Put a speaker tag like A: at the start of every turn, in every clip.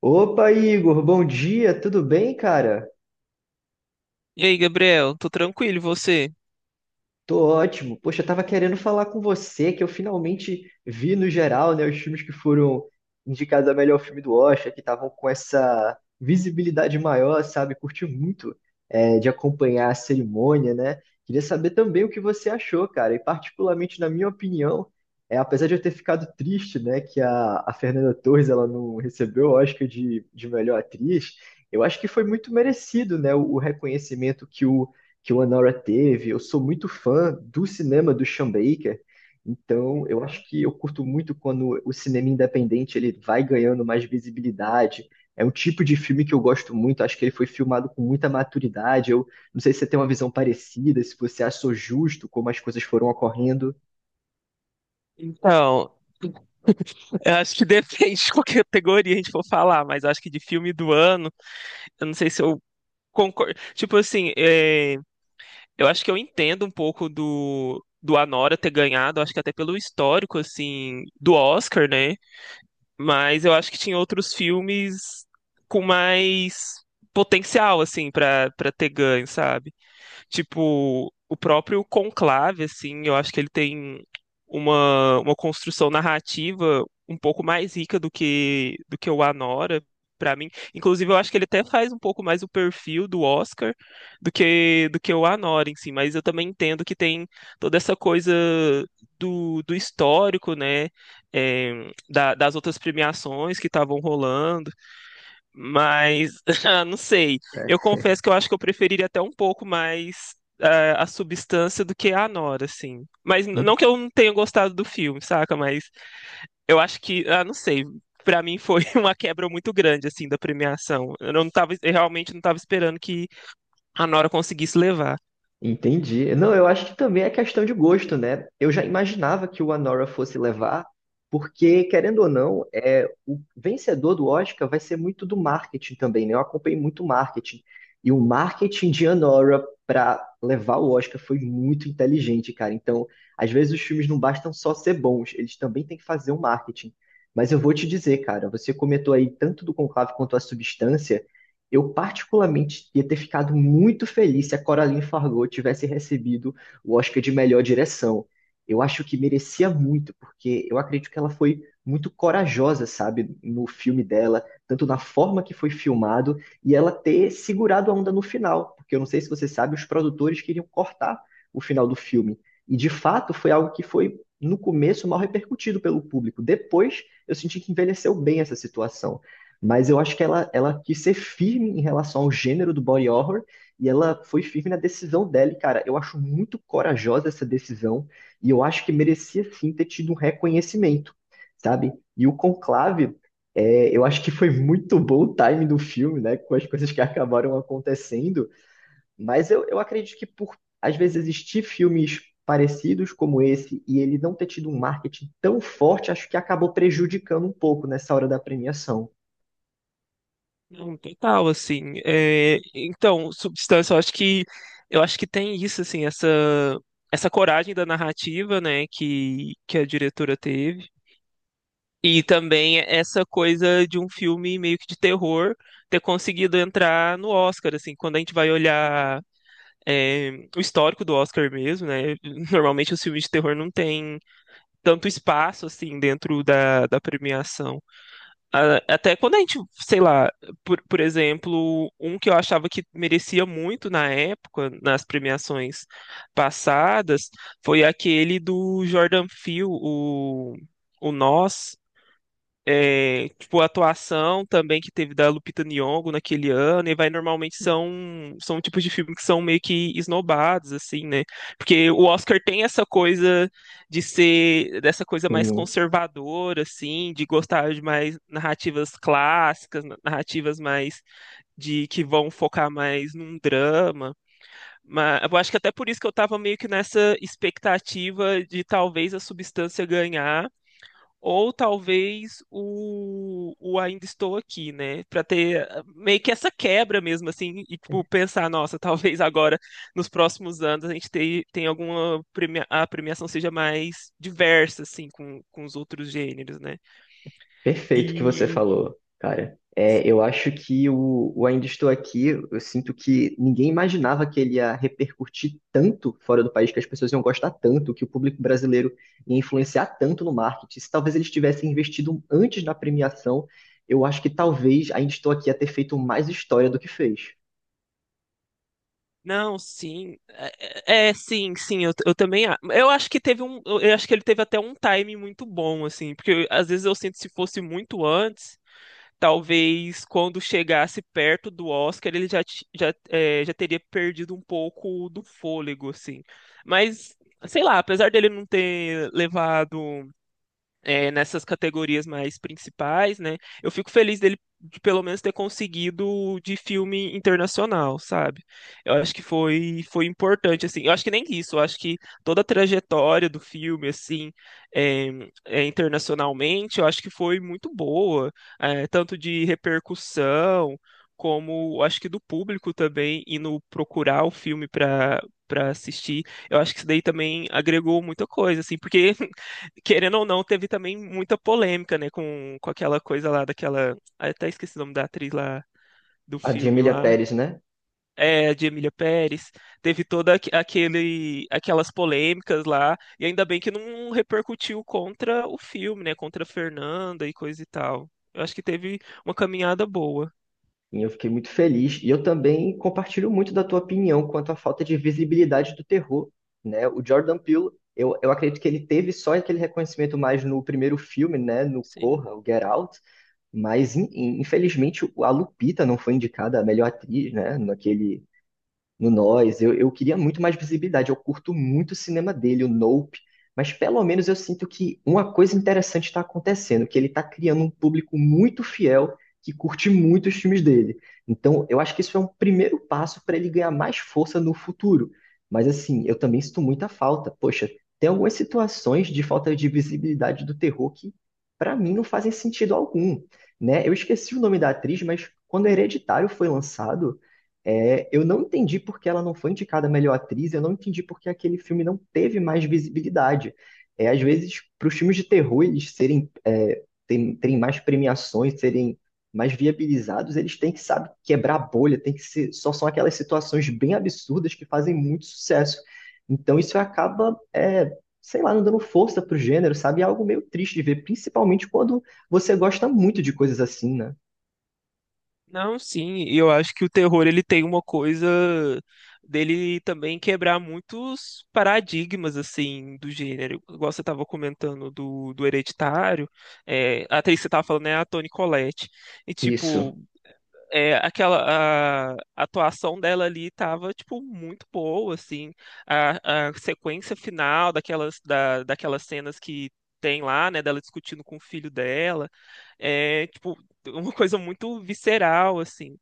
A: Opa, Igor, bom dia, tudo bem, cara?
B: E aí, Gabriel, tô tranquilo, e você?
A: Tô ótimo. Poxa, eu tava querendo falar com você que eu finalmente vi no geral, né, os filmes que foram indicados a melhor filme do Oscar, que estavam com essa visibilidade maior, sabe? Curti muito de acompanhar a cerimônia, né? Queria saber também o que você achou, cara. E particularmente na minha opinião, apesar de eu ter ficado triste, né, que a Fernanda Torres ela não recebeu o Oscar de melhor atriz, eu acho que foi muito merecido, né, o reconhecimento que o Anora teve. Eu sou muito fã do cinema do Sean Baker, então eu acho que eu curto muito quando o cinema independente ele vai ganhando mais visibilidade. É um tipo de filme que eu gosto muito, acho que ele foi filmado com muita maturidade. Eu não sei se você tem uma visão parecida, se você achou justo como as coisas foram ocorrendo.
B: Então, eu acho que depende de qual categoria a gente for falar, mas eu acho que de filme do ano, eu não sei se eu concordo. Tipo assim, eu acho que eu entendo um pouco do Anora ter ganhado, acho que até pelo histórico, assim, do Oscar, né? Mas eu acho que tinha outros filmes com mais potencial, assim, pra ter ganho, sabe? Tipo, o próprio Conclave, assim, eu acho que ele tem uma construção narrativa um pouco mais rica do que o Anora, pra mim. Inclusive, eu acho que ele até faz um pouco mais o perfil do Oscar do que o Anora em si, mas eu também entendo que tem toda essa coisa do histórico, né? Das outras premiações que estavam rolando. Mas, ah, não sei. Eu confesso que eu acho que eu preferiria até um pouco mais a substância do que a Nora, assim. Mas não que eu não tenha gostado do filme, saca? Mas eu acho que, ah, não sei. Pra mim foi uma quebra muito grande, assim, da premiação. Eu realmente não tava esperando que a Nora conseguisse levar.
A: Entendi. Não, eu acho que também é questão de gosto, né? Eu já imaginava que o Anora fosse levar, porque, querendo ou não, o vencedor do Oscar vai ser muito do marketing também, né? Eu acompanhei muito marketing. E o marketing de Anora para levar o Oscar foi muito inteligente, cara. Então, às vezes os filmes não bastam só ser bons, eles também têm que fazer um marketing. Mas eu vou te dizer, cara, você comentou aí tanto do Conclave quanto a Substância. Eu particularmente ia ter ficado muito feliz se a Coraline Fargo tivesse recebido o Oscar de melhor direção. Eu acho que merecia muito, porque eu acredito que ela foi muito corajosa, sabe, no filme dela, tanto na forma que foi filmado e ela ter segurado a onda no final, porque eu não sei se você sabe, os produtores queriam cortar o final do filme. E de fato foi algo que foi no começo mal repercutido pelo público. Depois eu senti que envelheceu bem essa situação. Mas eu acho que ela quis ser firme em relação ao gênero do body horror e ela foi firme na decisão dela. E, cara, eu acho muito corajosa essa decisão e eu acho que merecia sim ter tido um reconhecimento, sabe? E o Conclave, eu acho que foi muito bom o time do filme, né? Com as coisas que acabaram acontecendo. Mas eu acredito que por, às vezes, existir filmes parecidos como esse e ele não ter tido um marketing tão forte, acho que acabou prejudicando um pouco nessa hora da premiação.
B: Não, total, assim. Eh, então, substância, eu acho que tem isso, assim, essa coragem da narrativa, né, que a diretora teve. E também essa coisa de um filme meio que de terror ter conseguido entrar no Oscar, assim, quando a gente vai olhar é, o histórico do Oscar mesmo, né? Normalmente os filmes de terror não têm tanto espaço, assim, dentro da premiação. Até quando a gente, sei lá, por exemplo, um que eu achava que merecia muito na época, nas premiações passadas, foi aquele do Jordan Peele, o Nós. É, tipo, a atuação também que teve da Lupita Nyong'o naquele ano, e vai normalmente são tipos de filme que são meio que esnobados assim, né? Porque o Oscar tem essa coisa de ser dessa coisa mais conservadora assim, de gostar de mais narrativas clássicas, narrativas mais de que vão focar mais num drama. Mas eu acho que até por isso que eu tava meio que nessa expectativa de talvez a Substância ganhar ou talvez o Ainda Estou Aqui, né? Pra ter ah, meio que essa quebra mesmo, assim, e tipo, pensar, nossa, talvez agora, nos próximos anos, a gente tem, tem alguma premia, a premiação seja mais diversa, assim, com os outros gêneros, né?
A: Perfeito o que você
B: E.
A: falou, cara. É,
B: Sim.
A: eu acho que o Ainda Estou Aqui, eu sinto que ninguém imaginava que ele ia repercutir tanto fora do país, que as pessoas iam gostar tanto, que o público brasileiro ia influenciar tanto no marketing. Se talvez eles tivessem investido antes na premiação, eu acho que talvez Ainda Estou Aqui ia ter feito mais história do que fez.
B: Não, sim. Sim, sim, eu também. Eu acho que teve um. Eu acho que ele teve até um time muito bom, assim, porque às vezes eu sinto se fosse muito antes. Talvez quando chegasse perto do Oscar ele já, já teria perdido um pouco do fôlego, assim. Mas, sei lá, apesar dele não ter levado nessas categorias mais principais, né? Eu fico feliz dele de pelo menos ter conseguido de filme internacional, sabe? Eu acho que foi importante, assim. Eu acho que nem isso, eu acho que toda a trajetória do filme, assim, é, internacionalmente, eu acho que foi muito boa, é, tanto de repercussão como eu acho que do público também indo procurar o filme para assistir. Eu acho que isso daí também agregou muita coisa, assim, porque querendo ou não, teve também muita polêmica, né, com aquela coisa lá daquela. Ah, eu até esqueci o nome da atriz lá do
A: A de
B: filme
A: Emília
B: lá.
A: Pérez, né?
B: É, de Emília Pérez. Teve toda aquelas polêmicas lá. E ainda bem que não repercutiu contra o filme, né? Contra a Fernanda e coisa e tal. Eu acho que teve uma caminhada boa.
A: E eu fiquei muito feliz. E eu também compartilho muito da tua opinião quanto à falta de visibilidade do terror, né? O Jordan Peele, eu acredito que ele teve só aquele reconhecimento mais no primeiro filme, né? No
B: Sim.
A: Corra, o Get Out. Mas, infelizmente, a Lupita não foi indicada a melhor atriz, né? Naquele No Nós. Eu queria muito mais visibilidade. Eu curto muito o cinema dele, o Nope. Mas pelo menos eu sinto que uma coisa interessante está acontecendo, que ele está criando um público muito fiel que curte muito os filmes dele. Então, eu acho que isso é um primeiro passo para ele ganhar mais força no futuro. Mas assim, eu também sinto muita falta. Poxa, tem algumas situações de falta de visibilidade do terror que, para mim, não fazem sentido algum, né? Eu esqueci o nome da atriz, mas quando Hereditário foi lançado eu não entendi por que ela não foi indicada a melhor atriz, eu não entendi por que aquele filme não teve mais visibilidade. É, às vezes, para os filmes de terror eles serem, terem mais premiações, serem mais viabilizados, eles têm que, sabe, quebrar a bolha, tem que ser, só são aquelas situações bem absurdas que fazem muito sucesso. Então isso acaba, sei lá, não dando força para o gênero, sabe? É algo meio triste de ver, principalmente quando você gosta muito de coisas assim, né?
B: Não, sim, e eu acho que o terror ele tem uma coisa dele também quebrar muitos paradigmas assim do gênero. Igual você estava comentando do Hereditário, é, a atriz que você estava falando é a Toni Collette. E
A: Isso.
B: tipo, é, aquela a atuação dela ali tava tipo muito boa assim a sequência final daquelas cenas que tem lá, né, dela discutindo com o filho dela, é tipo uma coisa muito visceral assim.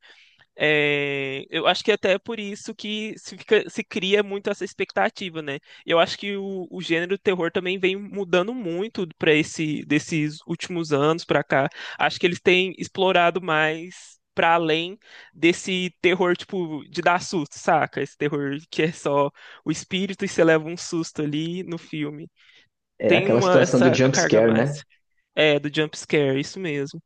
B: É, eu acho que até é por isso que se cria muito essa expectativa, né? Eu acho que o gênero terror também vem mudando muito para esse desses últimos anos para cá. Acho que eles têm explorado mais para além desse terror tipo de dar susto, saca? Esse terror que é só o espírito e você leva um susto ali no filme.
A: É
B: Tem
A: aquela
B: uma
A: situação do
B: essa
A: jump
B: carga a
A: scare, né?
B: mais. É, do jump scare, isso mesmo.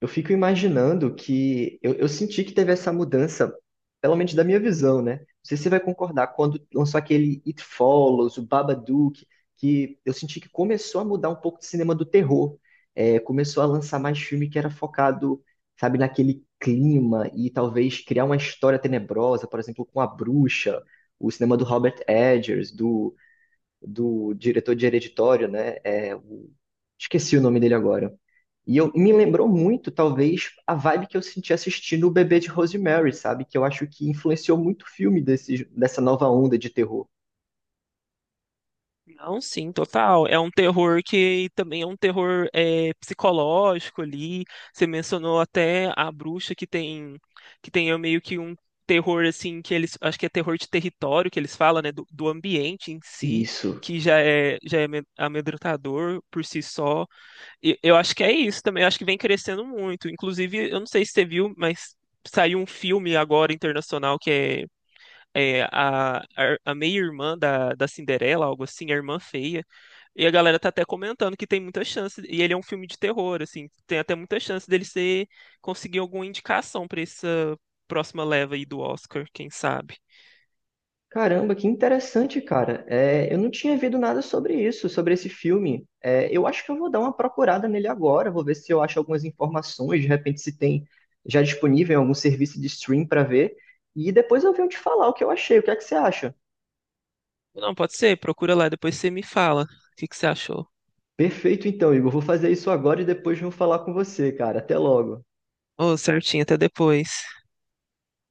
A: Eu fico imaginando que eu senti que teve essa mudança, pelo menos da minha visão, né? Não sei se você vai concordar, quando lançou aquele It Follows, o Babadook, que eu senti que começou a mudar um pouco de cinema do terror. É, começou a lançar mais filme que era focado, sabe, naquele clima e talvez criar uma história tenebrosa, por exemplo, com a bruxa, o cinema do Robert Eggers, do diretor de Hereditário, né? Esqueci o nome dele agora. E me lembrou muito, talvez, a vibe que eu senti assistindo O Bebê de Rosemary, sabe? Que eu acho que influenciou muito o filme dessa nova onda de terror.
B: Não, sim, total. É um terror que também é um terror é, psicológico ali. Você mencionou até a bruxa que tem meio que um terror assim que eles acho que é terror de território que eles falam, né, do ambiente em si,
A: Isso.
B: que já é amedrontador por si só. E eu acho que é isso também. Eu acho que vem crescendo muito. Inclusive, eu não sei se você viu, mas saiu um filme agora internacional que é, é a meia-irmã da Cinderela, algo assim, a irmã feia. E a galera tá até comentando que tem muita chance, e ele é um filme de terror, assim, tem até muita chance dele ser, conseguir alguma indicação pra essa próxima leva aí do Oscar, quem sabe.
A: Caramba, que interessante, cara. É, eu não tinha visto nada sobre isso, sobre esse filme. É, eu acho que eu vou dar uma procurada nele agora, vou ver se eu acho algumas informações, de repente se tem já disponível em algum serviço de stream para ver. E depois eu venho te falar o que eu achei, o que é que você acha?
B: Não, pode ser, procura lá, depois você me fala o que você achou.
A: Perfeito, então, Igor. Vou fazer isso agora e depois vou falar com você, cara. Até logo.
B: Ô, certinho, até depois.